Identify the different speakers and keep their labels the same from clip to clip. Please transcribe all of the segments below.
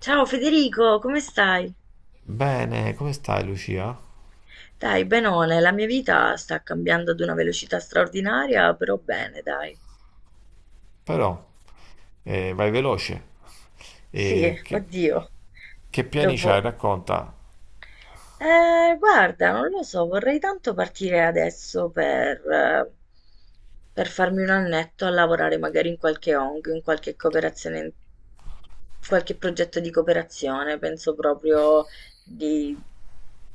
Speaker 1: Ciao Federico, come stai?
Speaker 2: Bene, come stai Lucia?
Speaker 1: Dai, benone, la mia vita sta cambiando ad una velocità straordinaria, però bene, dai.
Speaker 2: Però, vai veloce.
Speaker 1: Sì,
Speaker 2: E che,
Speaker 1: oddio.
Speaker 2: che piani c'hai?
Speaker 1: Dopo...
Speaker 2: Racconta.
Speaker 1: Guarda, non lo so, vorrei tanto partire adesso per, per farmi un annetto a lavorare magari in qualche ONG, in qualche cooperazione, qualche progetto di cooperazione. Penso proprio di,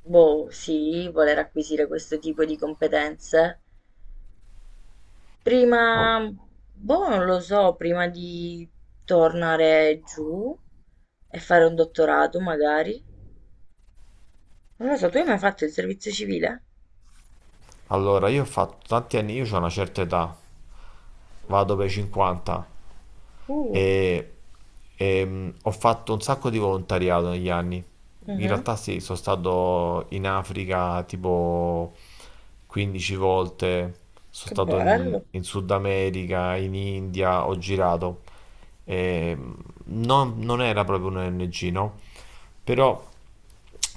Speaker 1: boh, sì, voler acquisire questo tipo di competenze
Speaker 2: Oh,
Speaker 1: prima, boh, non lo so, prima di tornare giù e fare un dottorato magari. Non lo so, tu hai mai fatto il servizio civile?
Speaker 2: allora, io ho fatto tanti anni, io ho una certa età, vado per i 50
Speaker 1: Uh,
Speaker 2: e, ho fatto un sacco di volontariato negli anni. In
Speaker 1: mhm.
Speaker 2: realtà sì, sono stato in Africa tipo 15 volte, sono
Speaker 1: Che
Speaker 2: stato in,
Speaker 1: bello,
Speaker 2: in Sud America, in India, ho girato. E, mh, non era proprio un ONG, no? Però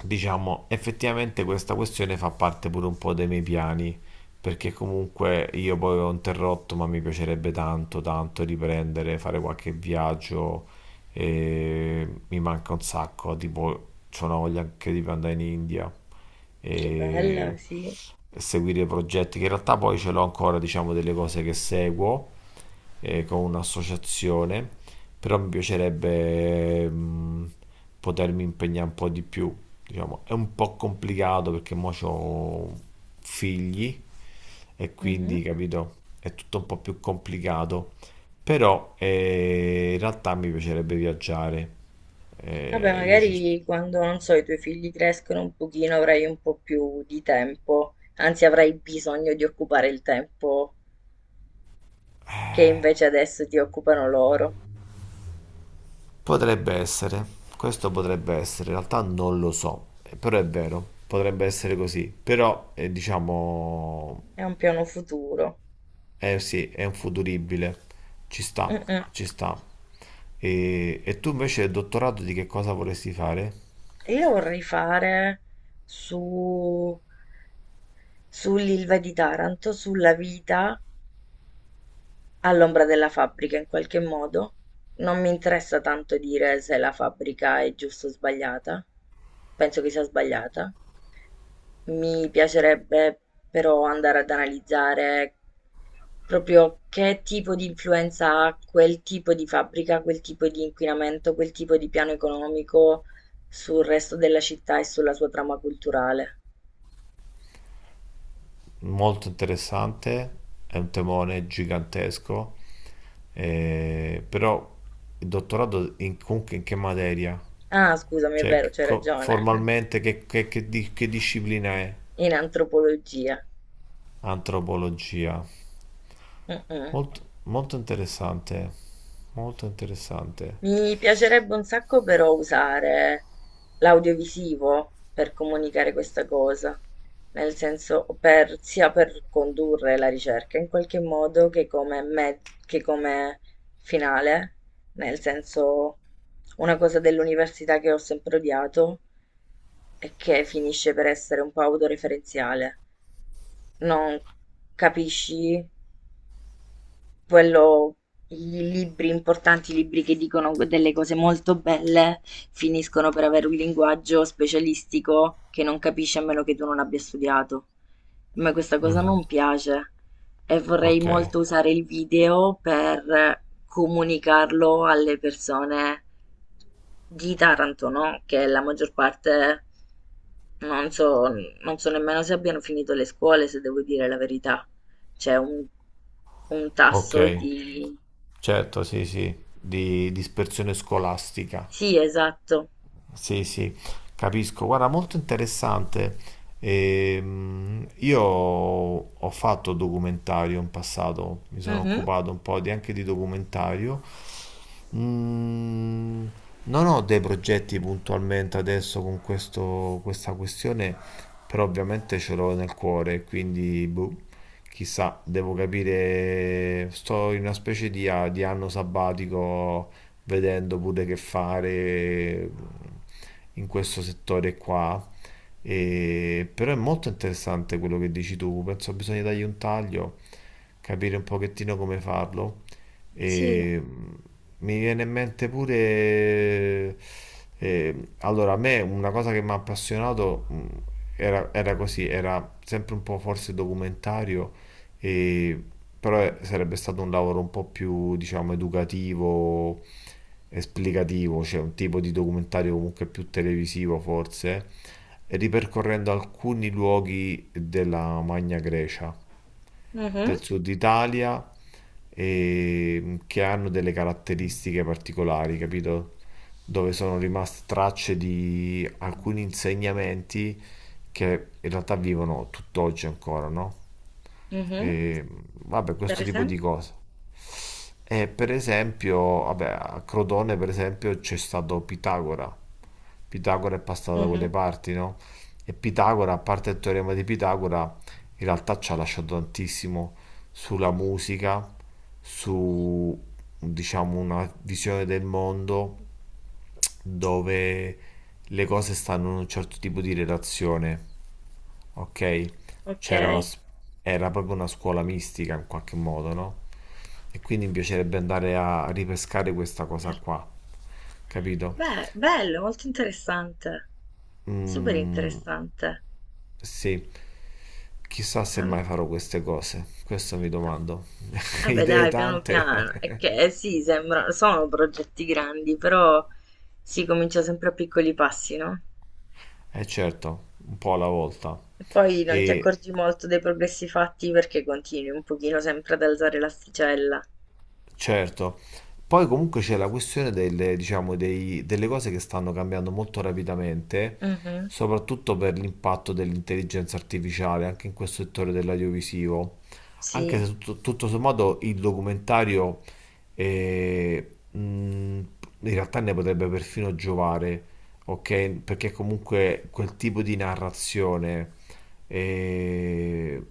Speaker 2: diciamo effettivamente questa questione fa parte pure un po' dei miei piani, perché comunque io poi ho interrotto, ma mi piacerebbe tanto, tanto riprendere, fare qualche viaggio e mi manca un sacco, tipo c'ho una voglia anche di andare in India
Speaker 1: che
Speaker 2: e
Speaker 1: bella, sì.
Speaker 2: seguire progetti che in realtà poi ce l'ho ancora, diciamo, delle cose che seguo con un'associazione, però mi piacerebbe potermi impegnare un po' di più, diciamo, è un po' complicato perché mo c'ho figli e
Speaker 1: Mhm.
Speaker 2: quindi, capito, è tutto un po' più complicato. Però in realtà mi piacerebbe viaggiare.
Speaker 1: Vabbè,
Speaker 2: Eh, io ci-
Speaker 1: magari quando, non so, i tuoi figli crescono un pochino, avrai un po' più di tempo, anzi avrai bisogno di occupare il tempo che invece adesso ti occupano loro.
Speaker 2: Potrebbe essere, questo potrebbe essere, in realtà non lo so, però è vero, potrebbe essere così. Però diciamo,
Speaker 1: È un piano futuro.
Speaker 2: eh sì, è un futuribile, ci sta,
Speaker 1: Mm, mm.
Speaker 2: ci sta. E tu invece il dottorato di che cosa vorresti fare?
Speaker 1: E io la vorrei fare su, sull'Ilva di Taranto, sulla vita all'ombra della fabbrica, in qualche modo non mi interessa tanto dire se la fabbrica è giusta o sbagliata, penso che sia sbagliata, mi piacerebbe però andare ad analizzare proprio che tipo di influenza ha quel tipo di fabbrica, quel tipo di inquinamento, quel tipo di piano economico sul resto della città e sulla sua trama culturale.
Speaker 2: Molto interessante, è un temone gigantesco, però il comunque in che materia?
Speaker 1: Ah, scusami, è
Speaker 2: Cioè,
Speaker 1: vero, c'hai ragione.
Speaker 2: formalmente che disciplina è?
Speaker 1: In antropologia.
Speaker 2: Antropologia.
Speaker 1: Mm, mm.
Speaker 2: Molto, molto interessante, molto interessante.
Speaker 1: Mi piacerebbe un sacco però usare l'audiovisivo per comunicare questa cosa, nel senso per, sia per condurre la ricerca in qualche modo che come, che come finale, nel senso, una cosa dell'università che ho sempre odiato e che finisce per essere un po' autoreferenziale, non capisci quello, i libri importanti, i libri che dicono delle cose molto belle, finiscono per avere un linguaggio specialistico che non capisci a meno che tu non abbia studiato. A me questa cosa
Speaker 2: Mhm.
Speaker 1: non piace e vorrei
Speaker 2: Ok,
Speaker 1: molto usare il video per comunicarlo alle persone di Taranto, no? Che la maggior parte, non so, non so nemmeno se abbiano finito le scuole, se devo dire la verità. C'è un, un tasso
Speaker 2: ok,
Speaker 1: di...
Speaker 2: certo, sì, sì, di dispersione scolastica.
Speaker 1: Sì, esatto.
Speaker 2: Sì, sì, capisco. Guarda, molto interessante. Io ho fatto documentario in passato, mi sono
Speaker 1: Mhm.
Speaker 2: occupato anche di documentario. Mm, non ho dei progetti puntualmente adesso con questa questione, però ovviamente ce l'ho nel cuore, quindi boh, chissà, devo capire, sto in una specie di, di anno sabbatico vedendo pure che fare in questo settore qua. Però è molto interessante quello che dici tu, penso bisogna dargli un taglio, capire un pochettino come farlo.
Speaker 1: Sì.
Speaker 2: E mm, mi viene in mente pure... eh, allora, a me una cosa che mi ha appassionato era così, era sempre un po' forse documentario, e- però
Speaker 1: Mhm.
Speaker 2: sarebbe stato un lavoro un po' più, diciamo, educativo, esplicativo, cioè un tipo di documentario comunque più televisivo forse, ripercorrendo alcuni luoghi della Magna Grecia
Speaker 1: Mhm,
Speaker 2: del sud Italia, e che hanno delle caratteristiche particolari, capito? Dove sono rimaste tracce di alcuni insegnamenti che in realtà vivono tutt'oggi ancora, no?
Speaker 1: mhm.
Speaker 2: E vabbè,
Speaker 1: Per
Speaker 2: questo tipo di
Speaker 1: esempio?
Speaker 2: cose. E per esempio, vabbè, a Crotone per esempio c'è stato Pitagora. Pitagora è passato da quelle
Speaker 1: Mhm.
Speaker 2: parti, no? E Pitagora, a parte il teorema di Pitagora, in realtà ci ha lasciato tantissimo sulla musica, su, diciamo, una visione del mondo dove le cose stanno in un certo tipo di relazione. Ok,
Speaker 1: Ok.
Speaker 2: c'era una, s- era proprio una scuola mistica in qualche modo, no? E quindi mi piacerebbe andare a ripescare questa cosa
Speaker 1: Per-
Speaker 2: qua, capito?
Speaker 1: Beh, bello, molto interessante. Super
Speaker 2: Mm,
Speaker 1: interessante.
Speaker 2: sì, chissà se
Speaker 1: Am-
Speaker 2: mai farò queste cose, questo mi domando.
Speaker 1: Vabbè,
Speaker 2: Idee
Speaker 1: dai, piano
Speaker 2: tante,
Speaker 1: piano. È che sì, sembra, sono progetti grandi, però si comincia sempre a piccoli passi, no?
Speaker 2: eh certo, un po' alla volta.
Speaker 1: E poi non ti
Speaker 2: E
Speaker 1: accorgi molto dei progressi fatti perché continui un pochino sempre ad alzare l'asticella.
Speaker 2: certo, poi comunque c'è la questione delle, diciamo, delle cose che stanno cambiando molto rapidamente,
Speaker 1: Mhm.
Speaker 2: soprattutto per l'impatto dell'intelligenza artificiale anche in questo settore dell'audiovisivo. Anche
Speaker 1: Sì,
Speaker 2: se tutto sommato il documentario in realtà ne potrebbe perfino giovare, ok? Perché comunque quel tipo di narrazione e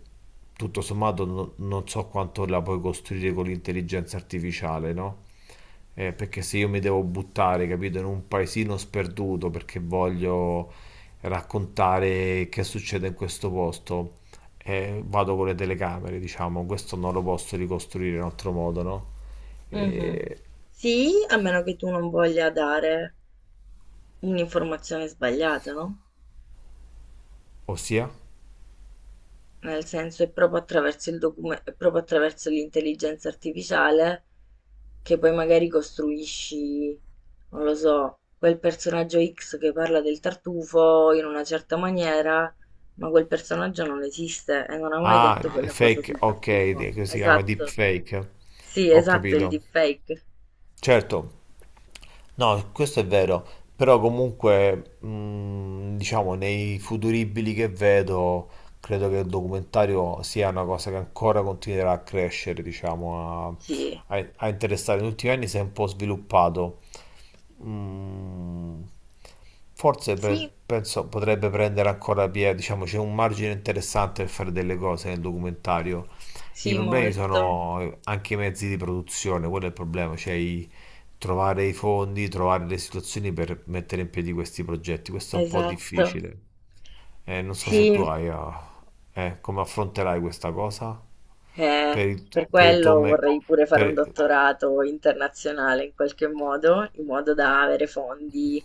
Speaker 2: tutto sommato non so quanto la puoi costruire con l'intelligenza artificiale, no? Perché se io mi devo buttare, capito, in un paesino sperduto perché voglio raccontare che succede in questo posto, vado con le telecamere, diciamo, questo non lo posso ricostruire in altro modo, no?
Speaker 1: mhm.
Speaker 2: Eh,
Speaker 1: Sì, a meno che tu non voglia dare un'informazione sbagliata, no?
Speaker 2: ossia?
Speaker 1: Nel senso, è proprio attraverso è proprio attraverso l'intelligenza artificiale che poi magari costruisci, non lo so, quel personaggio X che parla del tartufo in una certa maniera, ma quel personaggio non esiste e non ha mai
Speaker 2: Ah,
Speaker 1: detto "Ah,
Speaker 2: il
Speaker 1: quella cosa
Speaker 2: fake,
Speaker 1: sul
Speaker 2: ok,
Speaker 1: tartufo".
Speaker 2: che si chiama
Speaker 1: Esatto.
Speaker 2: deepfake,
Speaker 1: Sì,
Speaker 2: ho
Speaker 1: esatto, il
Speaker 2: capito.
Speaker 1: deepfake.
Speaker 2: Certo. No, questo è vero, però comunque, diciamo, nei futuribili che vedo, credo che il documentario sia una cosa che ancora continuerà a crescere, diciamo, a,
Speaker 1: Sì.
Speaker 2: a interessare. Negli ultimi anni si è un po' sviluppato. Mm, forse pe-
Speaker 1: Sì,
Speaker 2: penso potrebbe prendere ancora piede, diciamo, c'è un margine interessante per fare delle cose nel documentario. I
Speaker 1: sì,
Speaker 2: problemi
Speaker 1: molto.
Speaker 2: sono anche i mezzi di produzione, quello è il problema, trovare i fondi, trovare le situazioni per mettere in piedi questi progetti. Questo è un po'
Speaker 1: Esatto.
Speaker 2: difficile. Non so se tu
Speaker 1: Sì,
Speaker 2: hai, come affronterai questa cosa
Speaker 1: eh,
Speaker 2: per il,
Speaker 1: per
Speaker 2: per il
Speaker 1: quello vorrei pure fare un
Speaker 2: per-
Speaker 1: dottorato internazionale in qualche modo, in modo da avere fondi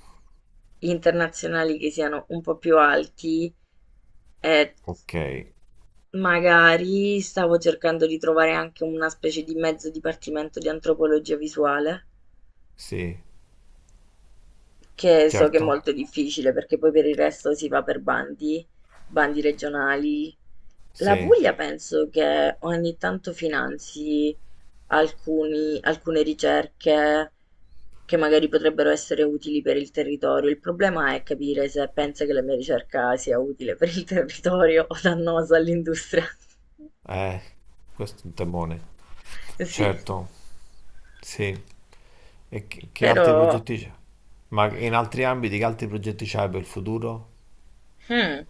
Speaker 1: internazionali che siano un po' più alti. E
Speaker 2: Ok,
Speaker 1: magari stavo cercando di trovare anche una specie di mezzo dipartimento di antropologia visuale,
Speaker 2: sì,
Speaker 1: che so che è
Speaker 2: certo,
Speaker 1: molto difficile perché poi per il resto si va per bandi, bandi regionali. La
Speaker 2: sì,
Speaker 1: Puglia penso che ogni tanto finanzi alcuni alcune ricerche che magari potrebbero essere utili per il territorio. Il problema è capire se pensa che la mia ricerca sia utile per il territorio o dannosa all'industria.
Speaker 2: eh, questo è un temone,
Speaker 1: Sì,
Speaker 2: certo, sì. Che altri
Speaker 1: però
Speaker 2: progetti c'è? Ma in altri ambiti che altri progetti c'hai per il futuro?
Speaker 1: hmm,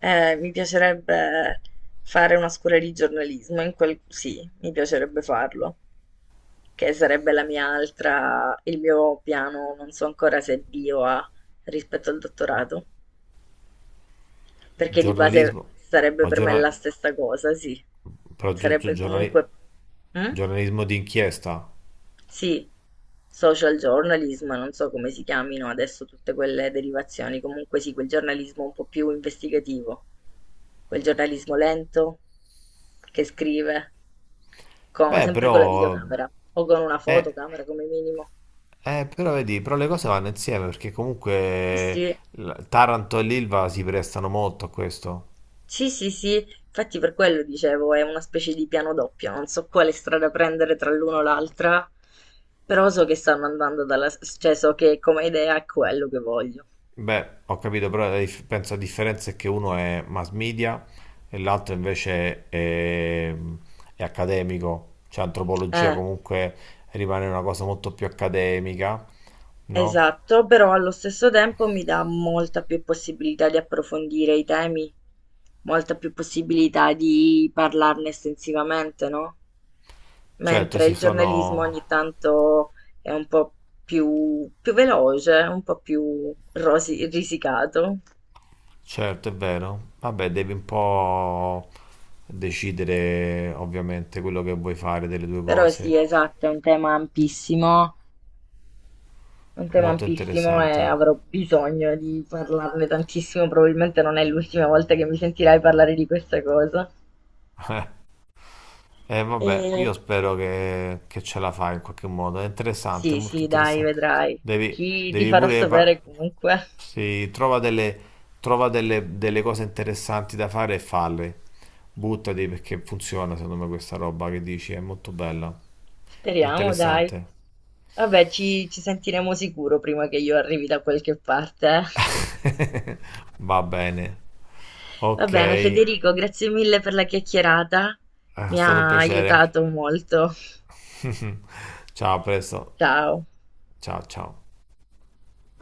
Speaker 1: mi piacerebbe fare una scuola di giornalismo, in quel... sì, mi piacerebbe farlo, che sarebbe la mia altra, il mio piano, non so ancora se è bio A rispetto al dottorato. Perché di base
Speaker 2: Giornalismo?
Speaker 1: sarebbe
Speaker 2: Ma
Speaker 1: per me
Speaker 2: giorna-
Speaker 1: la stessa cosa, sì.
Speaker 2: però
Speaker 1: Sarebbe comunque... Mm?
Speaker 2: giornalismo di inchiesta?
Speaker 1: Sì, social journalism, non so come si chiamino adesso tutte quelle derivazioni, comunque sì, quel giornalismo un po' più investigativo, quel giornalismo lento che scrive, co-
Speaker 2: Beh,
Speaker 1: sempre con la
Speaker 2: però...
Speaker 1: videocamera o con una
Speaker 2: Eh,
Speaker 1: fotocamera come minimo.
Speaker 2: però vedi, però le cose vanno insieme perché
Speaker 1: Sì,
Speaker 2: comunque
Speaker 1: sì.
Speaker 2: Taranto e l'Ilva si prestano molto a questo.
Speaker 1: Sì, sì, sì, infatti per quello dicevo, è una specie di piano doppio, non so quale strada prendere tra l'uno e l'altra, però so che stanno andando dalla... cioè so che come idea è quello che voglio.
Speaker 2: Beh, ho capito, però penso la differenza è che uno è mass media e l'altro invece è accademico, cioè antropologia
Speaker 1: Eh.
Speaker 2: comunque rimane una cosa molto più accademica, no?
Speaker 1: Esatto, però allo stesso tempo mi dà molta più possibilità di approfondire i temi, molta più possibilità di parlarne estensivamente, no?
Speaker 2: Certo,
Speaker 1: Mentre
Speaker 2: sì,
Speaker 1: il giornalismo ogni
Speaker 2: sono...
Speaker 1: tanto è un po' più veloce, un po' più risicato.
Speaker 2: Certo, è vero. Vabbè, devi un po' decidere ovviamente quello che vuoi fare delle due
Speaker 1: Però
Speaker 2: cose.
Speaker 1: sì, esatto, è un tema ampissimo, è un tema
Speaker 2: Molto
Speaker 1: ampissimo e
Speaker 2: interessante.
Speaker 1: avrò bisogno di parlarne tantissimo, probabilmente non è l'ultima volta che mi sentirai parlare di questa cosa.
Speaker 2: E vabbè,
Speaker 1: E
Speaker 2: io spero che ce la fai in qualche modo. È interessante, è
Speaker 1: sì,
Speaker 2: molto
Speaker 1: sì, dai,
Speaker 2: interessante.
Speaker 1: vedrai. Ti
Speaker 2: Devi
Speaker 1: farò
Speaker 2: pure...
Speaker 1: sapere comunque.
Speaker 2: sì, trova delle, delle cose interessanti da fare e falle. Buttati perché funziona, secondo me, questa roba che dici. È molto bella. È
Speaker 1: Speriamo, dai.
Speaker 2: interessante.
Speaker 1: Vabbè, ci sentiremo sicuro prima che io arrivi da qualche parte. Eh.
Speaker 2: Va bene.
Speaker 1: Va
Speaker 2: Ok,
Speaker 1: bene,
Speaker 2: è
Speaker 1: Federico, grazie mille per la chiacchierata. Mi
Speaker 2: stato un
Speaker 1: ha
Speaker 2: piacere.
Speaker 1: aiutato molto.
Speaker 2: Ciao, a presto.
Speaker 1: Ciao.
Speaker 2: Ciao, ciao.